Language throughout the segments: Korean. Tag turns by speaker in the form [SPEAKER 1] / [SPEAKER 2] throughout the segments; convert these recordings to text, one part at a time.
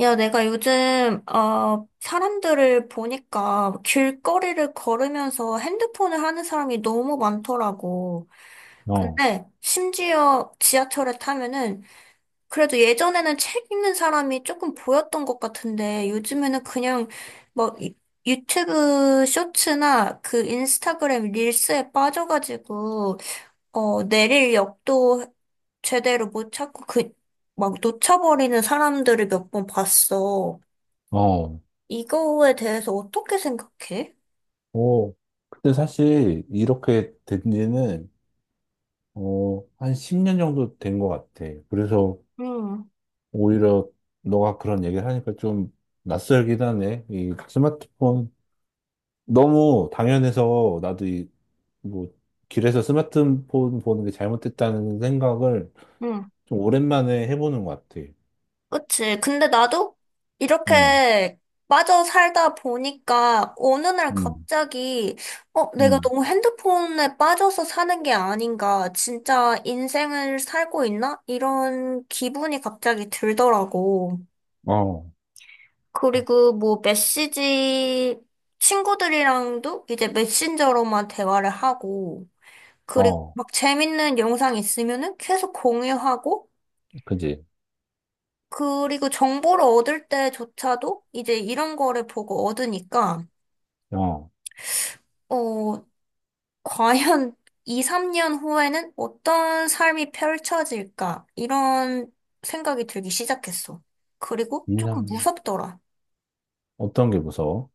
[SPEAKER 1] 야, 내가 요즘, 사람들을 보니까 길거리를 걸으면서 핸드폰을 하는 사람이 너무 많더라고.
[SPEAKER 2] 어,
[SPEAKER 1] 근데 심지어 지하철에 타면은 그래도 예전에는 책 읽는 사람이 조금 보였던 것 같은데 요즘에는 그냥 뭐 유튜브 쇼츠나 그 인스타그램 릴스에 빠져가지고 내릴 역도 제대로 못 찾고 그 막 놓쳐버리는 사람들을 몇 번 봤어.
[SPEAKER 2] 어,
[SPEAKER 1] 이거에 대해서 어떻게 생각해?
[SPEAKER 2] 어. 그때 사실 이렇게 된 지는, 한 10년 정도 된 것 같아. 그래서
[SPEAKER 1] 응,
[SPEAKER 2] 오히려 너가 그런 얘기를 하니까 좀 낯설긴 하네. 이 스마트폰 너무 당연해서 나도 뭐, 길에서 스마트폰 보는 게 잘못됐다는 생각을
[SPEAKER 1] 응,
[SPEAKER 2] 좀 오랜만에 해보는 것 같아.
[SPEAKER 1] 그치. 근데 나도
[SPEAKER 2] 응,
[SPEAKER 1] 이렇게 빠져 살다 보니까 어느 날
[SPEAKER 2] 응,
[SPEAKER 1] 갑자기, 내가
[SPEAKER 2] 응.
[SPEAKER 1] 너무 핸드폰에 빠져서 사는 게 아닌가. 진짜 인생을 살고 있나? 이런 기분이 갑자기 들더라고.
[SPEAKER 2] 어,
[SPEAKER 1] 그리고 뭐 메시지, 친구들이랑도 이제 메신저로만 대화를 하고, 그리고
[SPEAKER 2] 어,
[SPEAKER 1] 막 재밌는 영상 있으면은 계속 공유하고,
[SPEAKER 2] 그지.
[SPEAKER 1] 그리고 정보를 얻을 때조차도 이제 이런 거를 보고 얻으니까,
[SPEAKER 2] 어,
[SPEAKER 1] 어, 과연 2, 3년 후에는 어떤 삶이 펼쳐질까? 이런 생각이 들기 시작했어. 그리고 조금
[SPEAKER 2] 인상,
[SPEAKER 1] 무섭더라.
[SPEAKER 2] 어떤 게 무서워?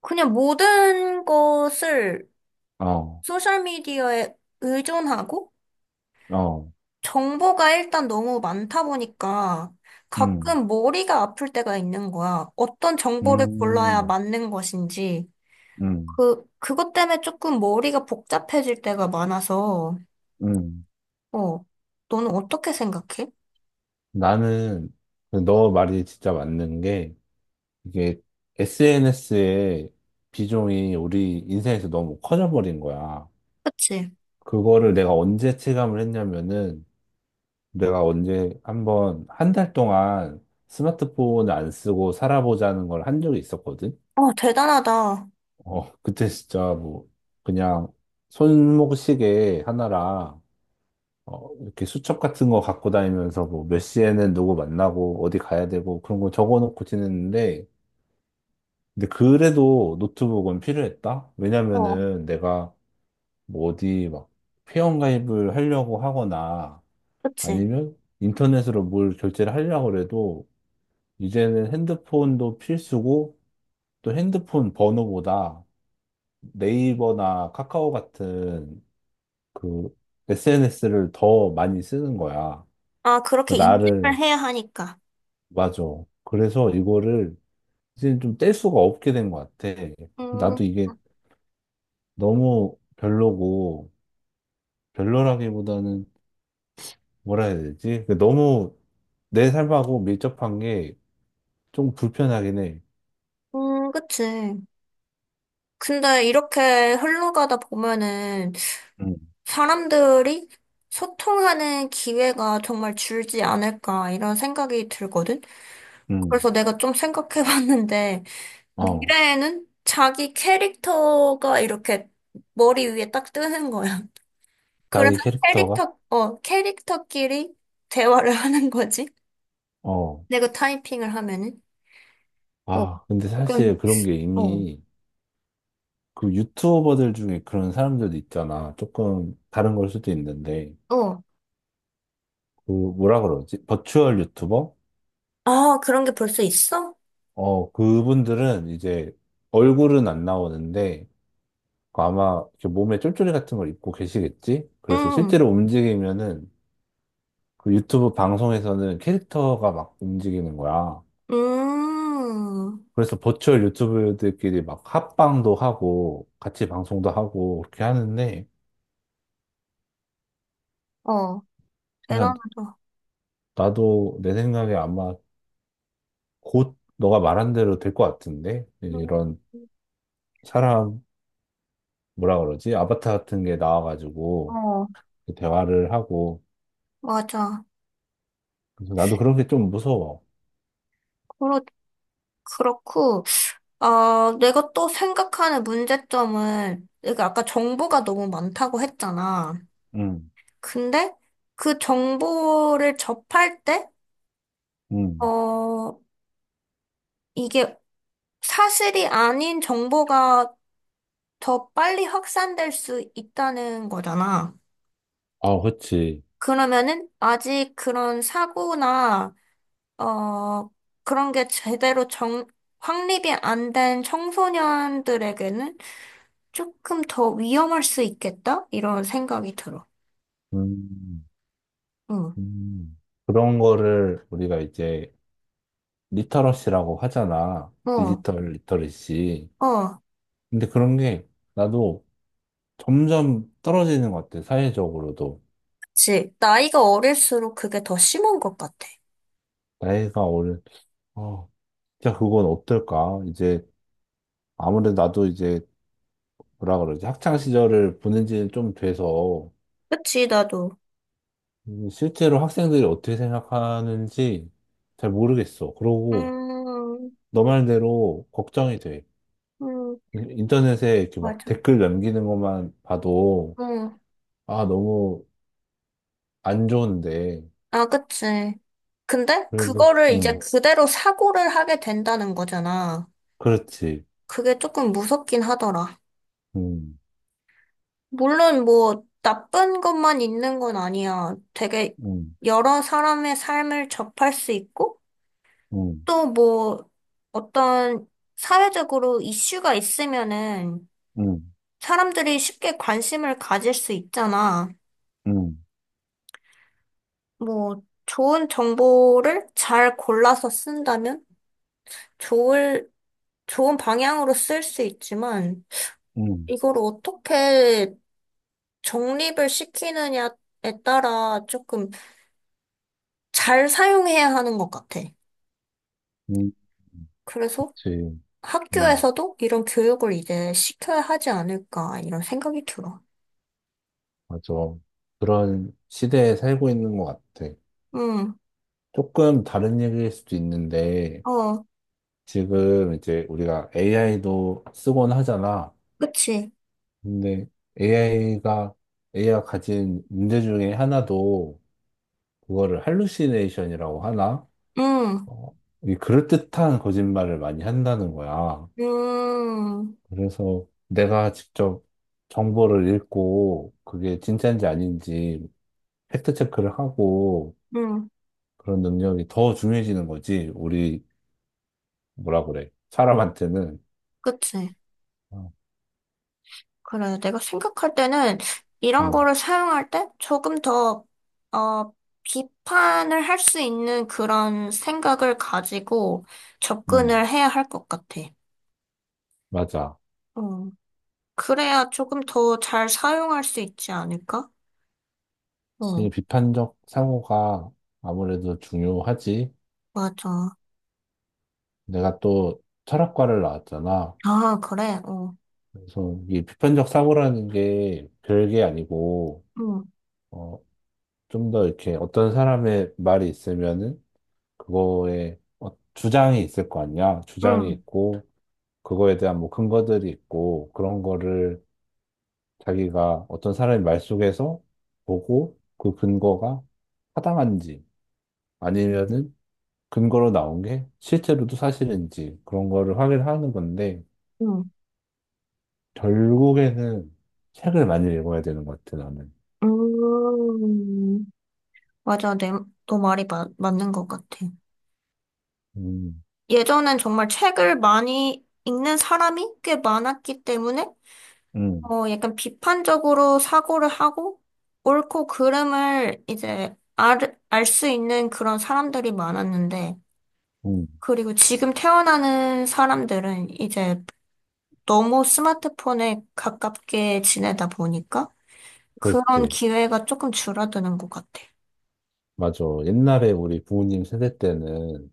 [SPEAKER 1] 그냥 모든 것을
[SPEAKER 2] 어,
[SPEAKER 1] 소셜미디어에 의존하고
[SPEAKER 2] 어.
[SPEAKER 1] 정보가 일단 너무 많다 보니까
[SPEAKER 2] 음,
[SPEAKER 1] 가끔 머리가 아플 때가 있는 거야. 어떤 정보를 골라야
[SPEAKER 2] 음,
[SPEAKER 1] 맞는 것인지.
[SPEAKER 2] 음,
[SPEAKER 1] 그것 때문에 조금 머리가 복잡해질 때가 많아서,
[SPEAKER 2] 음.
[SPEAKER 1] 어, 너는 어떻게 생각해?
[SPEAKER 2] 나는 그너 말이 진짜 맞는 게 이게 SNS의 비중이 우리 인생에서 너무 커져버린 거야.
[SPEAKER 1] 그치?
[SPEAKER 2] 그거를 내가 언제 체감을 했냐면은 내가 언제 한번 한 달 동안 스마트폰을 안 쓰고 살아보자는 걸 한 적이 있었거든.
[SPEAKER 1] 어, 대단하다.
[SPEAKER 2] 어, 그때 진짜 뭐 그냥 손목시계 하나랑 이렇게 수첩 같은 거 갖고 다니면서 뭐 몇 시에는 누구 만나고 어디 가야 되고 그런 거 적어놓고 지냈는데 근데 그래도 노트북은 필요했다?
[SPEAKER 1] 어,
[SPEAKER 2] 왜냐면은 내가 뭐 어디 막 회원가입을 하려고 하거나
[SPEAKER 1] 그치?
[SPEAKER 2] 아니면 인터넷으로 뭘 결제를 하려고 해도 이제는 핸드폰도 필수고 또 핸드폰 번호보다 네이버나 카카오 같은 그 SNS를 더 많이 쓰는 거야.
[SPEAKER 1] 아, 그렇게 인식을
[SPEAKER 2] 나를
[SPEAKER 1] 해야 하니까.
[SPEAKER 2] 맞아. 그래서 이거를 이제 좀 뗄 수가 없게 된 것 같아. 나도
[SPEAKER 1] 음,
[SPEAKER 2] 이게 너무 별로고, 별로라기보다는 뭐라 해야 되지? 그 너무 내 삶하고 밀접한 게 좀 불편하긴 해.
[SPEAKER 1] 그치. 근데 이렇게 흘러가다 보면은
[SPEAKER 2] 음,
[SPEAKER 1] 사람들이 소통하는 기회가 정말 줄지 않을까 이런 생각이 들거든?
[SPEAKER 2] 음.
[SPEAKER 1] 그래서 내가 좀 생각해 봤는데,
[SPEAKER 2] 어,
[SPEAKER 1] 미래에는 자기 캐릭터가 이렇게 머리 위에 딱 뜨는 거야.
[SPEAKER 2] 자기
[SPEAKER 1] 그래서
[SPEAKER 2] 캐릭터가?
[SPEAKER 1] 캐릭터, 어, 캐릭터끼리 대화를 하는 거지.
[SPEAKER 2] 어.
[SPEAKER 1] 내가 타이핑을 하면은. 어,
[SPEAKER 2] 아, 근데 사실
[SPEAKER 1] 그러니까,
[SPEAKER 2] 그런 게
[SPEAKER 1] 어,
[SPEAKER 2] 이미 그 유튜버들 중에 그런 사람들도 있잖아. 조금 다른 걸 수도 있는데.
[SPEAKER 1] 어.
[SPEAKER 2] 그 뭐라 그러지? 버추얼 유튜버?
[SPEAKER 1] 아, 그런 게 벌써 있어?
[SPEAKER 2] 어, 그분들은 이제 얼굴은 안 나오는데 그 아마 이렇게 몸에 쫄쫄이 같은 걸 입고 계시겠지? 그래서
[SPEAKER 1] 음,
[SPEAKER 2] 실제로 움직이면은 그 유튜브 방송에서는 캐릭터가 막 움직이는 거야.
[SPEAKER 1] 음,
[SPEAKER 2] 그래서 버추얼 유튜버들끼리 막 합방도 하고 같이 방송도 하고 그렇게 하는데
[SPEAKER 1] 어,
[SPEAKER 2] 그래서
[SPEAKER 1] 대단하다.
[SPEAKER 2] 나도 내 생각에 아마 곧 너가 말한 대로 될 것 같은데
[SPEAKER 1] 음,
[SPEAKER 2] 이런 사람 뭐라 그러지? 아바타 같은 게 나와가지고
[SPEAKER 1] 어,
[SPEAKER 2] 대화를 하고
[SPEAKER 1] 맞아.
[SPEAKER 2] 그래서 나도 그런 게 좀 무서워.
[SPEAKER 1] 그렇, 그렇고, 아, 내가 또 생각하는 문제점은, 내가 아까 정보가 너무 많다고 했잖아.
[SPEAKER 2] 음,
[SPEAKER 1] 근데 그 정보를 접할 때,
[SPEAKER 2] 음.
[SPEAKER 1] 어, 이게 사실이 아닌 정보가 더 빨리 확산될 수 있다는 거잖아.
[SPEAKER 2] 아, 그치.
[SPEAKER 1] 그러면은 아직 그런 사고나, 어, 그런 게 제대로 확립이 안 된 청소년들에게는 조금 더 위험할 수 있겠다? 이런 생각이 들어.
[SPEAKER 2] 음,
[SPEAKER 1] 응.
[SPEAKER 2] 음. 그런 거를 우리가 이제 리터러시라고 하잖아.
[SPEAKER 1] 어,
[SPEAKER 2] 디지털 리터러시.
[SPEAKER 1] 어,
[SPEAKER 2] 근데 그런 게 나도 점점 떨어지는 것 같아. 사회적으로도.
[SPEAKER 1] 그치. 나이가 어릴수록 그게 더 심한 것 같아.
[SPEAKER 2] 나이가 오른, 어, 진짜 그건 어떨까? 이제 아무래도 나도 이제 뭐라 그러지? 학창 시절을 보낸 지는 좀 돼서
[SPEAKER 1] 그치, 나도.
[SPEAKER 2] 실제로 학생들이 어떻게 생각하는지 잘 모르겠어. 그러고
[SPEAKER 1] 음,
[SPEAKER 2] 너 말대로 걱정이 돼.
[SPEAKER 1] 음,
[SPEAKER 2] 인터넷에 이렇게 막
[SPEAKER 1] 맞아.
[SPEAKER 2] 댓글 남기는 것만 봐도,
[SPEAKER 1] 응,
[SPEAKER 2] 아, 너무 안 좋은데.
[SPEAKER 1] 아, 그치. 근데
[SPEAKER 2] 그래도,
[SPEAKER 1] 그거를 이제
[SPEAKER 2] 응,
[SPEAKER 1] 그대로 사고를 하게 된다는 거잖아.
[SPEAKER 2] 그렇지.
[SPEAKER 1] 그게 조금 무섭긴 하더라.
[SPEAKER 2] 응,
[SPEAKER 1] 물론 뭐 나쁜 것만 있는 건 아니야. 되게
[SPEAKER 2] 응,
[SPEAKER 1] 여러 사람의 삶을 접할 수 있고
[SPEAKER 2] 응,
[SPEAKER 1] 또 뭐 어떤 사회적으로 이슈가 있으면은
[SPEAKER 2] 응,
[SPEAKER 1] 사람들이 쉽게 관심을 가질 수 있잖아.
[SPEAKER 2] 응,
[SPEAKER 1] 뭐 좋은 정보를 잘 골라서 쓴다면? 좋을, 좋은 방향으로 쓸 수 있지만,
[SPEAKER 2] 응,
[SPEAKER 1] 이걸 어떻게 정립을 시키느냐에 따라 조금 잘 사용해야 하는 것 같아.
[SPEAKER 2] 응, 응,
[SPEAKER 1] 그래서
[SPEAKER 2] 그렇지. 응,
[SPEAKER 1] 학교에서도 이런 교육을 이제 시켜야 하지 않을까, 이런 생각이 들어.
[SPEAKER 2] 맞아. 그런 시대에 살고 있는 것 같아.
[SPEAKER 1] 응.
[SPEAKER 2] 조금 다른 얘기일 수도 있는데,
[SPEAKER 1] 어,
[SPEAKER 2] 지금 이제 우리가 AI도 쓰곤 하잖아.
[SPEAKER 1] 그치.
[SPEAKER 2] 근데 AI가, AI가 가진 문제 중에 하나도 그거를 할루시네이션이라고 하나?
[SPEAKER 1] 응.
[SPEAKER 2] 어, 이 그럴듯한 거짓말을 많이 한다는 거야.
[SPEAKER 1] 음,
[SPEAKER 2] 그래서 내가 직접 정보를 읽고 그게 진짜인지 아닌지 팩트 체크를 하고
[SPEAKER 1] 응.
[SPEAKER 2] 그런 능력이 더 중요해지는 거지. 우리 뭐라 그래? 사람한테는.
[SPEAKER 1] 그치.
[SPEAKER 2] 어,
[SPEAKER 1] 그래, 내가 생각할 때는 이런
[SPEAKER 2] 응,
[SPEAKER 1] 거를 사용할 때 조금 더, 어, 비판을 할 수 있는 그런 생각을 가지고
[SPEAKER 2] 응,
[SPEAKER 1] 접근을 해야 할 것 같아.
[SPEAKER 2] 맞아.
[SPEAKER 1] 어, 그래야 조금 더 잘 사용할 수 있지 않을까?
[SPEAKER 2] 지
[SPEAKER 1] 어,
[SPEAKER 2] 비판적 사고가 아무래도 중요하지.
[SPEAKER 1] 맞아.
[SPEAKER 2] 내가 또 철학과를 나왔잖아.
[SPEAKER 1] 아, 그래, 어.
[SPEAKER 2] 그래서 이 비판적 사고라는 게 별게 아니고,
[SPEAKER 1] 응,
[SPEAKER 2] 어, 좀 더 이렇게 어떤 사람의 말이 있으면은 그거에 어, 주장이 있을 거 아니야. 주장이
[SPEAKER 1] 응,
[SPEAKER 2] 있고, 그거에 대한 뭐 근거들이 있고, 그런 거를 자기가 어떤 사람의 말 속에서 보고 그 근거가 타당한지 아니면은 근거로 나온 게 실제로도 사실인지 그런 거를 확인하는 건데,
[SPEAKER 1] 응.
[SPEAKER 2] 결국에는 책을 많이 읽어야 되는 것 같아, 나는.
[SPEAKER 1] 음, 맞아. 너 말이 맞는 것 같아.
[SPEAKER 2] 음,
[SPEAKER 1] 예전엔 정말 책을 많이 읽는 사람이 꽤 많았기 때문에
[SPEAKER 2] 음,
[SPEAKER 1] 어, 약간 비판적으로 사고를 하고, 옳고 그름을 이제 알 수 있는 그런 사람들이 많았는데,
[SPEAKER 2] 음,
[SPEAKER 1] 그리고 지금 태어나는 사람들은 이제 너무 스마트폰에 가깝게 지내다 보니까 그런
[SPEAKER 2] 그렇지.
[SPEAKER 1] 기회가 조금 줄어드는 것 같아.
[SPEAKER 2] 맞아. 옛날에 우리 부모님 세대 때는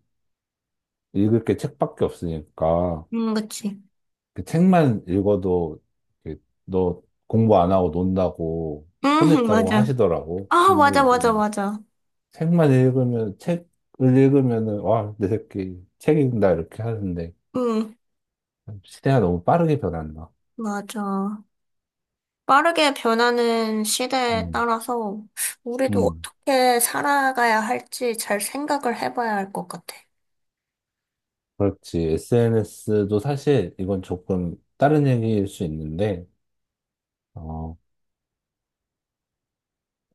[SPEAKER 2] 읽을 게 책밖에 없으니까
[SPEAKER 1] 그치.
[SPEAKER 2] 그 책만 읽어도 이렇게 너 공부 안 하고 논다고 혼냈다고
[SPEAKER 1] 맞아.
[SPEAKER 2] 하시더라고.
[SPEAKER 1] 아,
[SPEAKER 2] 근데
[SPEAKER 1] 맞아, 맞아,
[SPEAKER 2] 이제는
[SPEAKER 1] 맞아.
[SPEAKER 2] 책을 읽으면은, 와, 내 새끼 책 읽는다 이렇게 하는데
[SPEAKER 1] 음,
[SPEAKER 2] 시대가 너무 빠르게 변한다.
[SPEAKER 1] 맞아. 빠르게 변하는 시대에
[SPEAKER 2] 음,
[SPEAKER 1] 따라서 우리도
[SPEAKER 2] 음.
[SPEAKER 1] 어떻게 살아가야 할지 잘 생각을 해봐야 할 것 같아.
[SPEAKER 2] 그렇지. SNS도 사실 이건 조금 다른 얘기일 수 있는데, 어,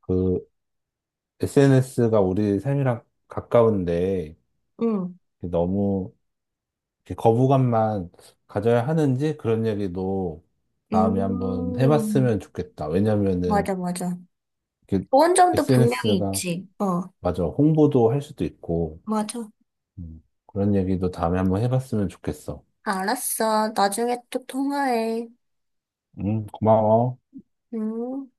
[SPEAKER 2] 그 SNS가 우리 삶이랑 가까운데
[SPEAKER 1] 응.
[SPEAKER 2] 너무 이렇게 거부감만 가져야 하는지 그런 얘기도 다음에 한번
[SPEAKER 1] 음,
[SPEAKER 2] 해봤으면 좋겠다. 왜냐면은
[SPEAKER 1] 맞아, 맞아. 좋은 점도 분명히
[SPEAKER 2] SNS가
[SPEAKER 1] 있지. 어,
[SPEAKER 2] 맞아. 홍보도 할 수도 있고,
[SPEAKER 1] 맞아.
[SPEAKER 2] 그런 얘기도 다음에 한번 해봤으면 좋겠어.
[SPEAKER 1] 알았어. 나중에 또 통화해.
[SPEAKER 2] 고마워.
[SPEAKER 1] 응.